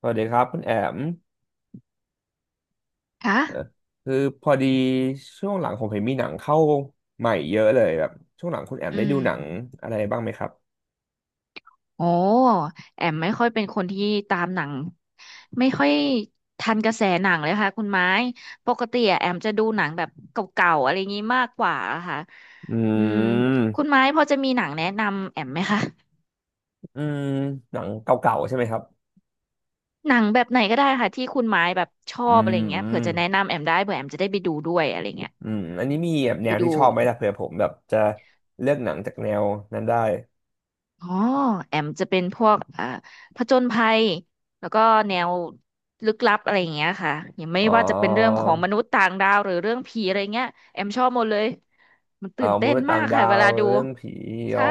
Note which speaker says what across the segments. Speaker 1: สวัสดีครับคุณแอม
Speaker 2: คะ
Speaker 1: คือพอดีช่วงหลังผมเห็นมีหนังเข้าใหม่เยอะเลยแบบช่วงหลังคุณแอม
Speaker 2: อื
Speaker 1: ได้ดูหนัง
Speaker 2: ม
Speaker 1: อะไรบ้างไหมครับ
Speaker 2: โอ้แอมไม่ค่อยเป็นคนที่ตามหนังไม่ค่อยทันกระแสหนังเลยค่ะคุณไม้ปกติอะแอมจะดูหนังแบบเก่าๆอะไรอย่างี้มากกว่าอะค่ะ
Speaker 1: อื
Speaker 2: อืมคุณ
Speaker 1: ม
Speaker 2: ไม้พอจะมีหนังแนะนำแอมไหมคะ
Speaker 1: อืมหนังเก่าๆใช่ไหมครับ
Speaker 2: หนังแบบไหนก็ได้ค่ะที่คุณไม้แบบชอ
Speaker 1: อื
Speaker 2: บอะ
Speaker 1: ม
Speaker 2: ไรอย่างเงี้
Speaker 1: อื
Speaker 2: ยเผื่
Speaker 1: ม
Speaker 2: อจะแนะนำแอมได้เผื่อแอมจะได้ไปดูด้วยอะไรอย่างเงี้ย
Speaker 1: อันนี้มีแบบแน
Speaker 2: ไป
Speaker 1: วที่
Speaker 2: ดู
Speaker 1: ชอบไหมล่ะเผื่อผมแบบจะเลือกหนังจากแนวนั้นได้
Speaker 2: อ๋อแอมจะเป็นพวกผจญภัยแล้วก็แนวลึกลับอะไรอย่างเงี้ยค่ะอย่างไม่
Speaker 1: อ๋อ
Speaker 2: ว่าจะเป็นเรื่องของมนุษย์ต่างดาวหรือเรื่องผีอะไรเงี้ยแอมชอบหมดเลยมันตื่น
Speaker 1: ม
Speaker 2: เต้น
Speaker 1: นุษย์
Speaker 2: มา
Speaker 1: ต่าง
Speaker 2: ก
Speaker 1: ดา
Speaker 2: ค่ะเว
Speaker 1: ว
Speaker 2: ลาดู
Speaker 1: เรื่องผีออ
Speaker 2: ใช่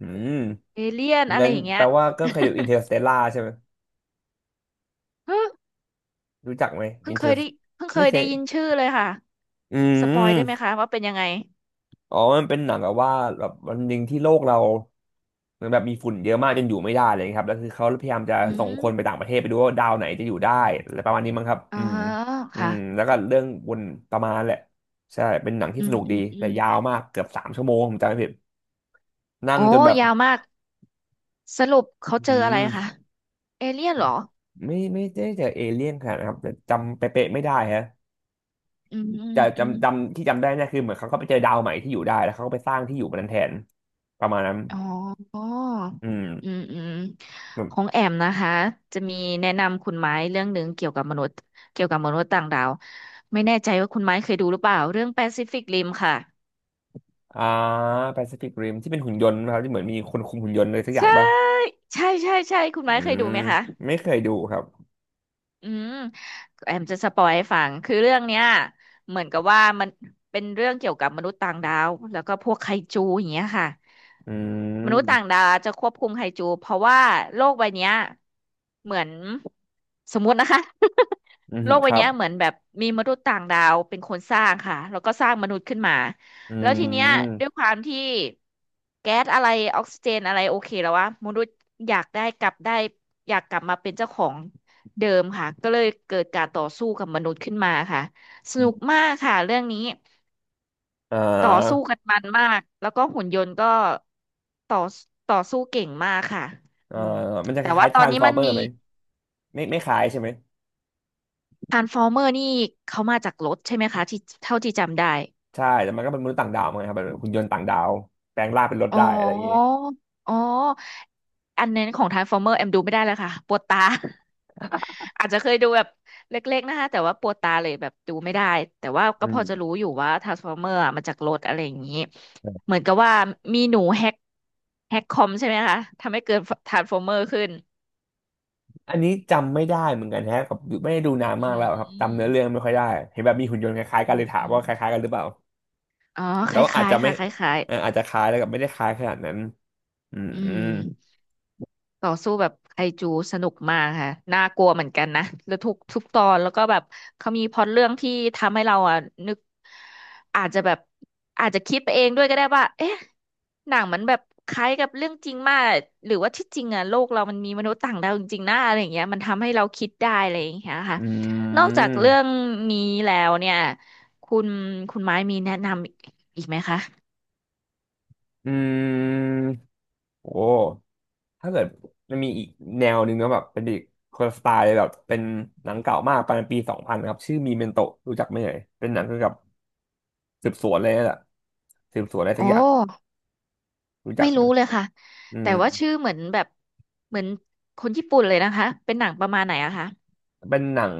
Speaker 1: อืม
Speaker 2: เอเลี่ยนอะไร
Speaker 1: งั้น
Speaker 2: อย่างเงี้
Speaker 1: แป
Speaker 2: ย
Speaker 1: ลว่าก็เคยดูอินเตอร์สเตลล่าใช่ไหม
Speaker 2: เฮ้ย
Speaker 1: รู้จักไหม
Speaker 2: เพิ่
Speaker 1: อิ
Speaker 2: ง
Speaker 1: นเต
Speaker 2: เค
Speaker 1: อ
Speaker 2: ย
Speaker 1: ร์
Speaker 2: ได้เพิ่งเค
Speaker 1: ไม่
Speaker 2: ย
Speaker 1: เค
Speaker 2: ได้
Speaker 1: ย
Speaker 2: ยินชื่อเลยค่ะ
Speaker 1: อื
Speaker 2: สปอยได้ไหม
Speaker 1: ม
Speaker 2: คะว่าเป็นยังไง
Speaker 1: อ๋อมันเป็นหนังแบบว่าแบบวันหนึ่งที่โลกเราเหมือนแบบมีฝุ่นเยอะมากจนอยู่ไม่ได้อะไรอย่างเลยครับแล้วคือเขาพยายามจะ
Speaker 2: อื
Speaker 1: ส่งคนไป
Speaker 2: ม
Speaker 1: ต่างประเทศไปดูว่าดาวไหนจะอยู่ได้อะไรประมาณนี้มั้งครับ
Speaker 2: อ๋อ
Speaker 1: อืมอื
Speaker 2: ค่ะ
Speaker 1: มแล้วก็เรื่องวนประมาณนั้นแหละใช่เป็นหนังที่
Speaker 2: อื
Speaker 1: ส
Speaker 2: ม
Speaker 1: นุก
Speaker 2: อื
Speaker 1: ดี
Speaker 2: มอื
Speaker 1: แต่
Speaker 2: ม
Speaker 1: ยาวมากเกือบ3 ชั่วโมงผมจำไม่ผิดนั่
Speaker 2: โอ้
Speaker 1: งจนแบบ
Speaker 2: ยาวมากสรุปเขาเจ
Speaker 1: อื
Speaker 2: ออะไร
Speaker 1: ม
Speaker 2: คะเอเลี่ยนเหรอ
Speaker 1: ไม่ไม่ได้เจอเอเลี่ยนขนาดนะครับแต่จำเป๊ะๆไม่ได้ฮะ
Speaker 2: อืม
Speaker 1: แต่
Speaker 2: อืม
Speaker 1: จำที่จำได้เนี่ยคือเหมือนเขาก็ไปเจอดาวใหม่ที่อยู่ได้แล้วเขาก็ไปสร้างที่อยู่บนนั้นแทนประมาณนั้น
Speaker 2: อ๋อ
Speaker 1: อืม
Speaker 2: อืมอืมของแอมนะคะจะมีแนะนำคุณไม้เรื่องหนึ่งเกี่ยวกับมนุษย์ต่างดาวไม่แน่ใจว่าคุณไม้เคยดูหรือเปล่าเรื่องแปซิฟิกริมค่ะ
Speaker 1: อ่าแปซิฟิกริมที่เป็นหุ่นยนต์นะครับที่เหมือนมีคนคุมหุ่นยนต์อะไรสักอย่าง
Speaker 2: ใช่
Speaker 1: ป่ะ
Speaker 2: ใช่ใช่ใช่คุณ
Speaker 1: อื
Speaker 2: ไม้เคยดู
Speaker 1: ม
Speaker 2: ไหมคะ
Speaker 1: ไม่เคยดูครับ
Speaker 2: อืมแอมจะสปอยให้ฟังคือเรื่องเนี้ยเหมือนกับว่ามันเป็นเรื่องเกี่ยวกับมนุษย์ต่างดาว แล้วก็พวกไคจูอย่างเงี้ยค่ะ
Speaker 1: อื
Speaker 2: มนุษย์ต่าง
Speaker 1: ม
Speaker 2: ดาวจะควบคุมไฮจูเพราะว่าโลกใบเนี้ยเหมือนสมมุตินะคะ
Speaker 1: อื ม
Speaker 2: โลก
Speaker 1: ค
Speaker 2: ใบ
Speaker 1: รับ
Speaker 2: เนี้ยเหมือนแบบมีมนุษย์ต่างดาวเป็นคนสร้างค่ะแล้วก็สร้างมนุษย์ขึ้นมา
Speaker 1: อื
Speaker 2: แล้วทีเนี้ยด้วย
Speaker 1: ม
Speaker 2: ความที่แก๊สอะไรออกซิเจนอะไรโอเคแล้ววะมนุษย์อยากได้กลับได้อยากกลับมาเป็นเจ้าของเดิมค่ะก็เลยเกิดการต่อสู้กับมนุษย์ขึ้นมาค่ะสนุกมากค่ะเรื่องนี้
Speaker 1: อ่
Speaker 2: ต่อสู้
Speaker 1: า
Speaker 2: กันมันมาก แล้วก็หุ่นยนต์ก็ต่อต่อสู้เก่งมากค่ะ
Speaker 1: เอ่อ
Speaker 2: อืม
Speaker 1: มันจะค
Speaker 2: แต่ว่า
Speaker 1: ล้ายๆ
Speaker 2: ต
Speaker 1: ท
Speaker 2: อ
Speaker 1: รา
Speaker 2: น
Speaker 1: นส์
Speaker 2: นี้
Speaker 1: ฟอ
Speaker 2: มั
Speaker 1: ร์
Speaker 2: น
Speaker 1: เมอ
Speaker 2: มี
Speaker 1: ร์ไหมไม่ไม่คล้ายใช่ไหม
Speaker 2: ทรานส์ฟอร์เมอร์นี่เขามาจากรถใช่ไหมคะที่เท่าที่จำได้
Speaker 1: ใช่แต่มันก็เป็นมนุษย์ต่างดาวเหมือนกันครับแบบหุ่นยนต์ต่างดาวแปลงร่างเป็นรถ
Speaker 2: อ๋อ
Speaker 1: ได้อะไรอย่างงี้
Speaker 2: อ๋ออันนั้นของทรานส์ฟอร์เมอร์แอมดูไม่ได้แล้วค่ะปวดตา อาจจะเคยดูแบบเล็กๆนะคะแต่ว่าปวดตาเลยแบบดูไม่ได้แต่ว่า
Speaker 1: อื
Speaker 2: ก็พอจะรู้
Speaker 1: ม
Speaker 2: อยู่ว่าทรานส์ฟอร์เมอร์มาจากรถอะไรอย่างนี้เหมือนกับว่ามีหนูแฮกคอมใช่ไหมคะทำให้เกิดทรานส์ฟอร์เมอร์ขึ้น
Speaker 1: อันนี้จำไม่ได้เหมือนกันแฮะกับไม่ได้ดูนานมา
Speaker 2: อื
Speaker 1: ก
Speaker 2: ม
Speaker 1: แล้วครับ
Speaker 2: อื
Speaker 1: จำ
Speaker 2: ม
Speaker 1: เนื้อเรื่องไม่ค่อยได้เห็นแบบมีหุ่นยนต์คล้ายๆกั
Speaker 2: อื
Speaker 1: นเล
Speaker 2: ม
Speaker 1: ยถาม
Speaker 2: อื
Speaker 1: ว่า
Speaker 2: ม
Speaker 1: คล้ายๆกันหรือเปล่า
Speaker 2: อ๋อค
Speaker 1: แต่ว่าอาจ
Speaker 2: ล้าย
Speaker 1: จะ
Speaker 2: ๆ
Speaker 1: ไม่
Speaker 2: ค่ะคล้าย
Speaker 1: อาจจะคล้ายแล้วกับไม่ได้คล้ายขนาดนั้นอืม
Speaker 2: ๆอื
Speaker 1: อื
Speaker 2: ม
Speaker 1: ม
Speaker 2: ต่อสู้แบบไคจูสนุกมากค่ะน่ากลัวเหมือนกันนะแล้วทุกตอนแล้วก็แบบเขามีพล็อตเรื่องที่ทำให้เราอ่ะนึกอาจจะแบบอาจจะคิดไปเองด้วยก็ได้ว่าเอ๊ะหนังมันแบบคล้ายกับเรื่องจริงมากหรือว่าที่จริงอ่ะโลกเรามันมีมนุษย์ต่างดาวจริงๆนะอะไรอย่างเงี้ยมันทำให้เราคิดได้อะไรอย่างเงี้ยค่ะ
Speaker 1: อื
Speaker 2: นอกจากเรื่อง
Speaker 1: ม
Speaker 2: นี้แล้วเนี่ยคุณคุณไม้มีแนะนำอีกไหมคะ
Speaker 1: อืมโอ้ถ้าเกิดมันมีอีกแนวหนึ่งนะแบบเป็นอีกคนละสไตล์เลยแบบเป็นหนังเก่ามากประมาณปี 2000ครับชื่อมีเมนโตรู้จักไหมเอ่ยเป็นหนังเกี่ยวกับสืบสวนเลยแหละสืบสวนอะไร
Speaker 2: อ๋
Speaker 1: สั
Speaker 2: อ
Speaker 1: กอย่างรู้จั
Speaker 2: ไม่
Speaker 1: ก
Speaker 2: รู้
Speaker 1: นะ
Speaker 2: เลยค่ะ
Speaker 1: อื
Speaker 2: แต่
Speaker 1: ม
Speaker 2: ว่าชื่อเหมือนแบบเหมือนคนญี่ปุ่นเลยนะคะเป็นหนังประมาณไหนอะคะ
Speaker 1: เป็นหนัง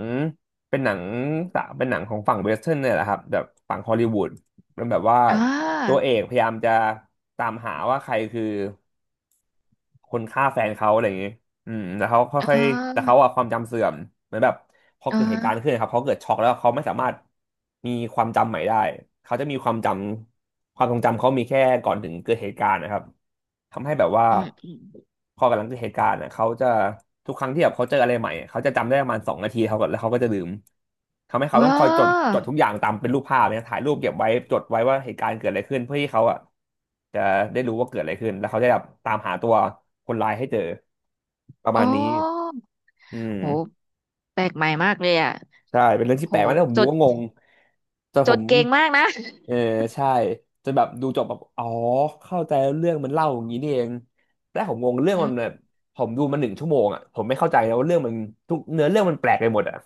Speaker 1: เป็นหนังสาเป็นหนังของฝั่งเวสเทิร์นเนี่ยแหละครับแบบฝั่งฮอลลีวูดมันแบบว่า
Speaker 2: อ่
Speaker 1: ตัว
Speaker 2: า
Speaker 1: เอกพยายามจะตามหาว่าใครคือคนฆ่าแฟนเขาอะไรอย่างนี้ อืมแต่เขาค่อ
Speaker 2: อ่
Speaker 1: ยๆแต่
Speaker 2: า
Speaker 1: เขาอะความจำเสื่อมเหมือนแบบพอ
Speaker 2: อ่า
Speaker 1: เกิดเหตุการณ์ขึ้นครับเขาเกิดช็อกแล้วเขาไม่สามารถมีความจำใหม่ได้เขาจะมีความจำความทรงจำเขามีแค่ก่อนถึงเกิดเหตุการณ์นะครับทำให้แบบว่า
Speaker 2: อืมอืม
Speaker 1: พอกำลังเกิดเหตุการณ์อะเขาจะทุกครั้งที่แบบเขาเจออะไรใหม่เขาจะจำได้ประมาณ2 นาทีเขาก็แล้วเขาก็จะลืมทำให้เขาต้อ
Speaker 2: ว้า
Speaker 1: งคอยจดจดทุ
Speaker 2: ว
Speaker 1: กอย่างตามเป็นรูปภาพเนี่ยถ่ายรูปเก็บไว้จดไว้ว่าเหตุการณ์เกิดอะไรขึ้นเพื่อที่เขาอะจะได้รู้ว่าเกิดอะไรขึ้นแล้วเขาจะแบบตามหาตัวคนร้ายให้เจอ ประ
Speaker 2: อ๋
Speaker 1: มา
Speaker 2: อ
Speaker 1: ณนี้อืม
Speaker 2: โหแปลกใหม่มากเลยอะ
Speaker 1: ใช่เป็นเรื่องที่
Speaker 2: โห
Speaker 1: แปลกมากแล้วผม
Speaker 2: จ
Speaker 1: ดู
Speaker 2: ด
Speaker 1: ก็งงแต่
Speaker 2: จ
Speaker 1: ผ
Speaker 2: ด
Speaker 1: ม
Speaker 2: เก่งมากนะ
Speaker 1: เออใช่จนแบบดูจบแบบอ๋อเข้าใจแล้วเรื่องมันเล่าอย่างนี้นี่เองแต่ผมงงเรื่อง
Speaker 2: อื
Speaker 1: มันแบ
Speaker 2: ม
Speaker 1: บผมดูมาหนึ่งชั่วโมงอ่ะผมไม่เข้าใจนะว่าเรื่องมันทุกเนื้อเรื่องมันแปลกไปหมดอ่ะ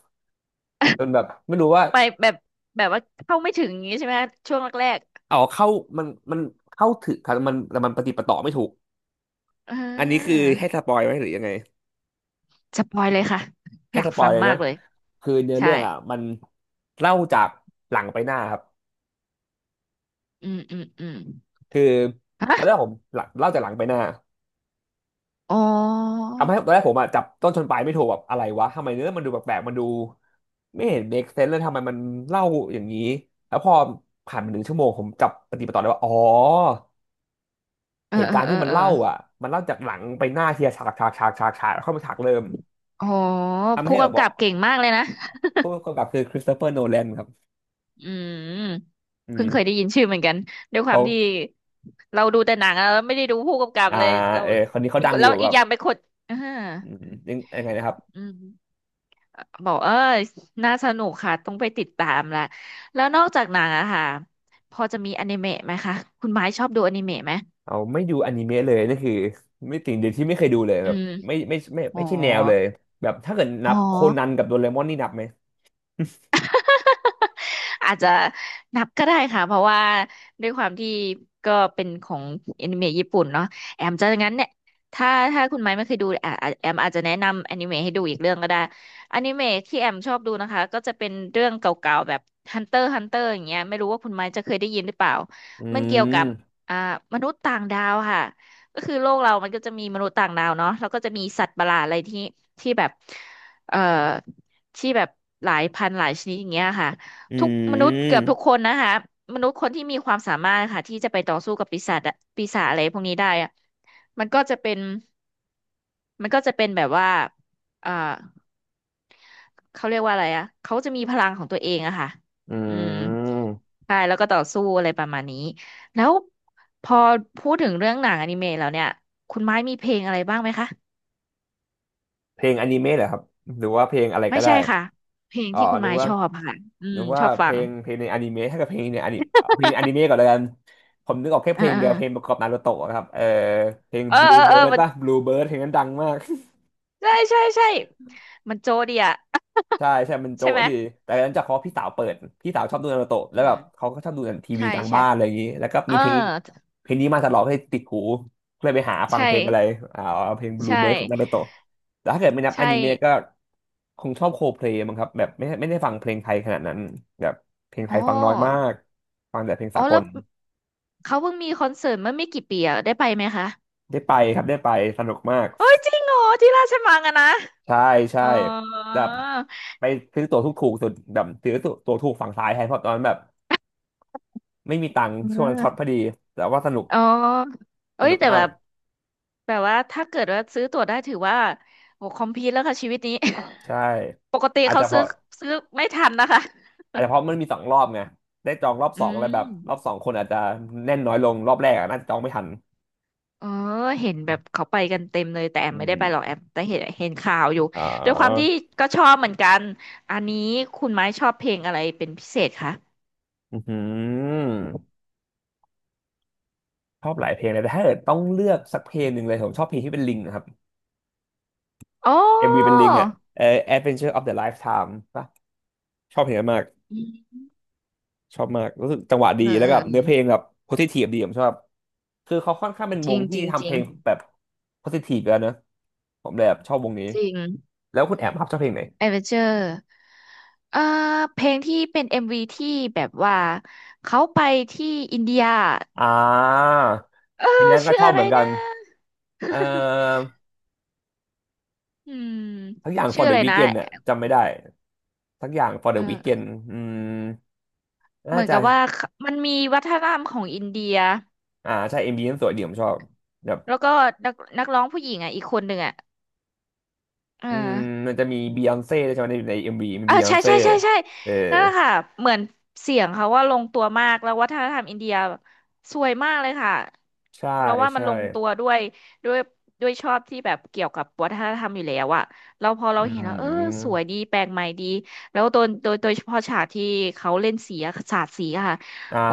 Speaker 1: จนแบบไม่รู้ว่า
Speaker 2: ไปแบบว่าเข้าไม่ถึงอย่างงี้ใช่ไหมคะช่วงแรก
Speaker 1: อ๋อเข้ามันมันเข้าถึงครับมันแต่มันปฏิปต่อไม่ถูก
Speaker 2: ๆเอ่
Speaker 1: อันนี้คือ
Speaker 2: า
Speaker 1: ให้สปอยไหมหรือยังไง
Speaker 2: สปอยเลยค่ะอ
Speaker 1: ให้
Speaker 2: ยา
Speaker 1: ส
Speaker 2: ก
Speaker 1: ปอ
Speaker 2: ฟั
Speaker 1: ย
Speaker 2: ง
Speaker 1: เลยเน
Speaker 2: มาก
Speaker 1: อะ
Speaker 2: เลย
Speaker 1: คือเนื้อ
Speaker 2: ใช่
Speaker 1: เรื่องอ่ะมันเล่าจากหลังไปหน้าครับ
Speaker 2: อืมอืมอืม
Speaker 1: คือตอนแรก
Speaker 2: ฮะ
Speaker 1: ผมหลังเล่าจากหลังไปหน้า
Speaker 2: อ๋อ
Speaker 1: ทำให้ตอนแรกผมอะจับต้นชนปลายไม่ถูกแบบอะไรวะทำไมเนื้อมันดูแปลกๆมันดูไม่เห็น make sense เลยทำไมมันเล่าอย่างนี้แล้วพอผ่านไปหนึ่งชั่วโมงผมจับปฏิปต่อได้ว่าอ๋อ
Speaker 2: เอ
Speaker 1: เห
Speaker 2: อ
Speaker 1: ตุ
Speaker 2: เออ
Speaker 1: การณ์
Speaker 2: เอ
Speaker 1: ที่
Speaker 2: อ
Speaker 1: มัน
Speaker 2: เออ
Speaker 1: เล่าอ่ะมันเล่าจากหลังไปหน้าทีละฉากแล้วเข้ามาฉากเริ่ม
Speaker 2: อ๋อ
Speaker 1: ทำ
Speaker 2: ผู้
Speaker 1: ให้เรา
Speaker 2: กำ
Speaker 1: บอ
Speaker 2: กับ
Speaker 1: ก
Speaker 2: เก่งมากเลยนะ
Speaker 1: ผู้กำกับคือคริสโตเฟอร์โนแลนครับ
Speaker 2: อืม
Speaker 1: อื
Speaker 2: เพิ่งเคยได้
Speaker 1: ม
Speaker 2: ยินชื่อเหมือนกันด้วยควา
Speaker 1: เขา
Speaker 2: มที่เราดูแต่หนังแล้วไม่ได้ดูผู้กำกับ
Speaker 1: อ่า
Speaker 2: เลยเรา
Speaker 1: เออคนนี้เขา
Speaker 2: เป็น
Speaker 1: ดั
Speaker 2: ค
Speaker 1: ง
Speaker 2: น
Speaker 1: อ
Speaker 2: แล้
Speaker 1: ยู่
Speaker 2: ว
Speaker 1: แบ
Speaker 2: อีก
Speaker 1: บ
Speaker 2: อย่างไปนคนอ่า
Speaker 1: อืมยังไงนะครับ
Speaker 2: อืมบอกเออน่าสนุกค่ะต้องไปติดตามละแล้วนอกจากหนังอะค่ะพอจะมีอนิเมะไหมคะคุณไม้ชอบดูอนิเมะไหม
Speaker 1: เอาไม่ดูอนิเมะเลยนี่คือไม่สิ่งเดียวที่ไม่เคยดูเลย
Speaker 2: อื
Speaker 1: แบบ
Speaker 2: ม
Speaker 1: ไม่
Speaker 2: อ๋อ
Speaker 1: ไม่ใช่แนวเลยแบบถ้าเกิดนั
Speaker 2: อ๋อ
Speaker 1: บโคนันกับโดเรมอนนี่นับไหม
Speaker 2: อาจจะนับก็ได้ค่ะเพราะว่าด้วยความที่ก็เป็นของแอนิเมะญี่ปุ่นเนาะแอมจะงั้นเนี่ยถ้าคุณไม้ไม่เคยดูอ่ะอ่ะแอมอาจจะแนะนำแอนิเมะให้ดูอีกเรื่องก็ได้แอนิเมะที่แอมชอบดูนะคะก็จะเป็นเรื่องเก่าๆแบบ Hunter x Hunter อย่างเงี้ยไม่รู้ว่าคุณไม้จะเคยได้ยินหรือเปล่า
Speaker 1: อื
Speaker 2: มันเกี่ยวกั
Speaker 1: ม
Speaker 2: บอ่ามนุษย์ต่างดาวค่ะก็คือโลกเรามันก็จะมีมนุษย์ต่างดาวเนาะแล้วก็จะมีสัตว์ประหลาดอะไรที่ที่แบบเอ่อที่แบบหลายพันหลายชนิดอย่างเงี้ยค่ะ
Speaker 1: อื
Speaker 2: ทุกมนุษย์เกือบทุกค
Speaker 1: ม
Speaker 2: นนะคะมนุษย์คนที่มีความสามารถค่ะที่จะไปต่อสู้กับปีศาจอะปีศาจอะไรพวกนี้ได้อะมันก็จะเป็นมันก็จะเป็นแบบว่าเอ่อเขาเรียกว่าอะไรอะเขาจะมีพลังของตัวเองอะค่ะ
Speaker 1: อื
Speaker 2: อืม
Speaker 1: ม
Speaker 2: ใช่แล้วก็ต่อสู้อะไรประมาณนี้แล้วพอพูดถึงเรื่องหนังอนิเมะแล้วเนี่ยคุณไม้มีเพลงอะไรบ้างไหมคะ
Speaker 1: เพลงอนิเมะเหรอครับหรือว่าเพลงอะไร
Speaker 2: ไม่
Speaker 1: ก็ได้
Speaker 2: ใช่ค่ะเพลง
Speaker 1: อ๋อ
Speaker 2: ที่คุณ
Speaker 1: นึ
Speaker 2: ไม้
Speaker 1: กว่า
Speaker 2: ชอบค่ะอื
Speaker 1: นึ
Speaker 2: ม
Speaker 1: ก
Speaker 2: ช
Speaker 1: ว่า
Speaker 2: อบ
Speaker 1: เพ
Speaker 2: ฟั
Speaker 1: ล
Speaker 2: ง
Speaker 1: งเพลงในอนิเมะถ้าเกิดเพลงในอนิเอาเพลงอนิเมะก่อนแล้วกันผมนึกออกแค่
Speaker 2: เอ
Speaker 1: เพ
Speaker 2: อ
Speaker 1: ลง
Speaker 2: เออ
Speaker 1: เดียวเพลงประกอบนารูโตะครับเออเพลง
Speaker 2: เออ
Speaker 1: Blue
Speaker 2: เออเออ
Speaker 1: Bird
Speaker 2: มัน
Speaker 1: ป่ะ Blue Bird เพลงนั้นดังมาก
Speaker 2: ใช่มันโจดีอะ
Speaker 1: ใช่ใช่มัน
Speaker 2: ใช่
Speaker 1: โจ๊ะ
Speaker 2: ไหม
Speaker 1: ดีแต่หลังจากเขาะพี่สาวเปิดพี่สาวชอบดูนารูโตะแล้
Speaker 2: อื
Speaker 1: วแบ
Speaker 2: ม
Speaker 1: บเขาก็ชอบดูทีวี
Speaker 2: ใช่
Speaker 1: กลาง
Speaker 2: ใช่
Speaker 1: บ้านอะไรอย่างนี้แล้วก็
Speaker 2: เออ
Speaker 1: มีเพลงเพลงนี้มาตลอดให้ติดหูก็เลยไปหาฟัง
Speaker 2: ใช่
Speaker 1: เพลงอะไรอ่าเพลงบลู
Speaker 2: ใช่
Speaker 1: เบิร์ดของนารูโตะแต่ถ้าเกิดไม่นับอ
Speaker 2: ใช่
Speaker 1: นิเมะก็คงชอบโคเพลย์มั้งครับแบบไม่ได้ฟังเพลงไทยขนาดนั้นแบบเพลงไท
Speaker 2: อ๋อ
Speaker 1: ยฟังน้อยมากฟังแต่เพลง
Speaker 2: อ๋อ
Speaker 1: สาก
Speaker 2: แล้
Speaker 1: ล
Speaker 2: วเขาเพิ่งมีคอนเสิร์ตเมื่อไม่กี่ปีอะได้ไปไหมคะ
Speaker 1: ได้ไปครับได้ไปสนุกมาก
Speaker 2: โอ้ยจริงเหรอที่ราชมังอะนะ
Speaker 1: ใช่ใช่
Speaker 2: อ๋อ
Speaker 1: แบบไปซื้อตั๋วถูกสุดแบบซื้อตั๋วถูกฝั่งซ้ายแทนเพราะตอนนั้นแบบ ไม่มีตังค์
Speaker 2: เ
Speaker 1: ช่วงนั้นช็อตพอ
Speaker 2: ออ
Speaker 1: ดีแต่ว่าสนุก
Speaker 2: อ๋อ
Speaker 1: ส
Speaker 2: เอ้ย
Speaker 1: นุก
Speaker 2: แต่แบ
Speaker 1: มาก
Speaker 2: บแบบว่าถ้าเกิดว่าซื้อตั๋วได้ถือว่าโหคอมพีทแล้วค่ะชีวิตนี้
Speaker 1: ใช่
Speaker 2: ปกติ
Speaker 1: อาจ
Speaker 2: เขา
Speaker 1: จะเพ
Speaker 2: ซื้อ
Speaker 1: ราะ
Speaker 2: ซื้อไม่ทันนะคะ
Speaker 1: อาจจะเพราะมันมีสองรอบไงได้จองรอบ
Speaker 2: อื
Speaker 1: สองอะไร
Speaker 2: ม
Speaker 1: แบบรอบสองคนอาจจะแน่นน้อยลงรอบแรกอะน่าจะจองไม่ทัน
Speaker 2: เออเห็นแบบเขาไปกันเต็มเลยแต่แอ
Speaker 1: อื
Speaker 2: มไม่
Speaker 1: ม
Speaker 2: ได้ไปหรอกแอมแต่เห็นข่าวอยู่
Speaker 1: อ๋
Speaker 2: ด้วยความที่
Speaker 1: อ
Speaker 2: ก็ชอบเหมือนกันอันนี้คุณไม้ชอบเพลงอะไรเป็นพิเศษคะ
Speaker 1: อือหือชอบหลายเพลงเลยแต่ถ้าเกิดต้องเลือกสักเพลงหนึ่งเลยผมชอบเพลงที่เป็นลิงนะครับ
Speaker 2: โอ๋อ
Speaker 1: MV เป็นลิงอ่ะเออ Adventure of the Lifetime ป่ะชอบเพลงนั้นมาก
Speaker 2: ืม
Speaker 1: ชอบมากรู้สึกจังหวะดี
Speaker 2: เออ
Speaker 1: แล้ว
Speaker 2: เอ
Speaker 1: ก็
Speaker 2: อ
Speaker 1: แบบ
Speaker 2: เออ
Speaker 1: เนื้อเพลงแบบโพสิทีฟดีผมชอบคือเขาค่อนข้างเป็น
Speaker 2: จ
Speaker 1: ว
Speaker 2: ริ
Speaker 1: ง
Speaker 2: งจ
Speaker 1: ที่
Speaker 2: ริงจ
Speaker 1: ทำเพ
Speaker 2: ริง
Speaker 1: ลงแบบโพสิทีฟแล้วเนอะผมเลยแบบชอบวงนี้
Speaker 2: จริง
Speaker 1: แล้วคุณแอมครับชอบเพลงไหน
Speaker 2: เอเวอเจอร์เอ่อเพลงที่เป็นเอ็มวีที่แบบว่าเขาไปที่อินเดีย
Speaker 1: อ่า
Speaker 2: เออ
Speaker 1: ทีนั้นก็
Speaker 2: ชื่อ
Speaker 1: ชอบ
Speaker 2: อะ
Speaker 1: เห
Speaker 2: ไร
Speaker 1: มือนกั
Speaker 2: นะ
Speaker 1: น เอ่อ
Speaker 2: อืม
Speaker 1: ทั้งอย่าง
Speaker 2: ชื่อ
Speaker 1: for
Speaker 2: อะ
Speaker 1: the
Speaker 2: ไรนะ
Speaker 1: weekend เนี่ยจำไม่ได้ทั้งอย่าง for the weekend
Speaker 2: เออ
Speaker 1: อืม
Speaker 2: เห
Speaker 1: น่า
Speaker 2: มือน
Speaker 1: จะ
Speaker 2: กับว่าเขามันมีวัฒนธรรมของอินเดีย
Speaker 1: อ่าใช่ m ีนั้นสวยดีผมชอบแบบ
Speaker 2: แล้วก็นักร้องผู้หญิงอ่ะอีกคนหนึ่งอ่ะเออ
Speaker 1: อืมมันจะมีบียอนเซ่ใช่ไหมในเอ็มวีมี
Speaker 2: อ่า
Speaker 1: บียอ
Speaker 2: ใช่
Speaker 1: นเซ่
Speaker 2: ใช่ใช่ใช่
Speaker 1: เออ
Speaker 2: นั่นแหละค่ะเหมือนเสียงเขาว่าลงตัวมากแล้ววัฒนธรรมอินเดียสวยมากเลยค่ะ
Speaker 1: ใช่
Speaker 2: เราว่ามัน
Speaker 1: ใช่
Speaker 2: ลงตัวด้วยด้วยด้วยชอบที่แบบเกี่ยวกับวัฒนธรรมอยู่แล้วอะเราพอ
Speaker 1: อื
Speaker 2: เราเห็นแล้วเออสวย
Speaker 1: ม
Speaker 2: ดีแปลกใหม่ดีแล้วโดยเฉพาะฉากที่เขาเล่นสีอะสาดสีอะค่ะ
Speaker 1: อ่
Speaker 2: โอ้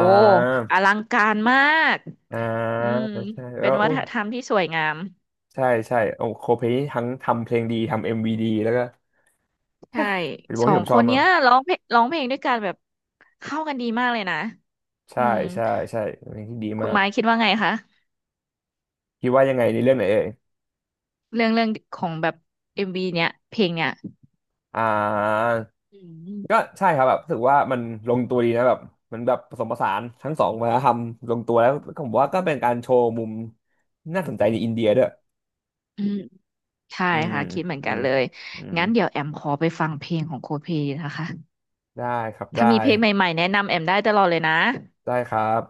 Speaker 2: อลังการมาก
Speaker 1: อ่า
Speaker 2: อืม
Speaker 1: ใช่
Speaker 2: เป็
Speaker 1: แล้
Speaker 2: น
Speaker 1: ว
Speaker 2: วั
Speaker 1: อุ้
Speaker 2: ฒ
Speaker 1: น
Speaker 2: นธรรมที่สวยงาม
Speaker 1: ใช่ใช่โอ้โคเพลนี่ทั้งทำเพลงดีทำเอ็มวีดีแล้วก็
Speaker 2: ใช่
Speaker 1: เป็นว
Speaker 2: ส
Speaker 1: ง
Speaker 2: อ
Speaker 1: ที่
Speaker 2: ง
Speaker 1: ผม
Speaker 2: ค
Speaker 1: ชอบ
Speaker 2: น
Speaker 1: มา
Speaker 2: เนี้
Speaker 1: ก
Speaker 2: ยร้องเพลงด้วยกันแบบเข้ากันดีมากเลยนะอื
Speaker 1: ใช่
Speaker 2: ม
Speaker 1: ใช่ใช่เป็นเพลงที่ดี
Speaker 2: คุ
Speaker 1: มา
Speaker 2: ณ
Speaker 1: ก
Speaker 2: ไม้คิดว่าไงคะ
Speaker 1: คิดว่ายังไงในเรื่องไหนเอ่ย
Speaker 2: เรื่องของแบบเอ็มวีเนี้ยเพลงเนี้ย
Speaker 1: อ่า
Speaker 2: อืม
Speaker 1: ก็ใช่ครับแบบรู้สึกว่ามันลงตัวดีนะแบบมันแบบผสมผสานทั้งสองวัฒนธรรมลงตัวแล้วก็ผมว่าก็เป็นการโชว์มุมน่าสนใจในอินเดียด้วย
Speaker 2: อืมใช่
Speaker 1: อืม
Speaker 2: ค่ะคิดเหมือน
Speaker 1: อื
Speaker 2: กัน
Speaker 1: ม
Speaker 2: เลย
Speaker 1: อืม
Speaker 2: งั้นเดี๋ยวแอมขอไปฟังเพลงของโคเพนะคะ
Speaker 1: ได้ครับ
Speaker 2: ถ้า
Speaker 1: ได้
Speaker 2: มีเพลงใหม่ๆแนะนำแอมได้ตลอดเลยนะ
Speaker 1: ได้ครับ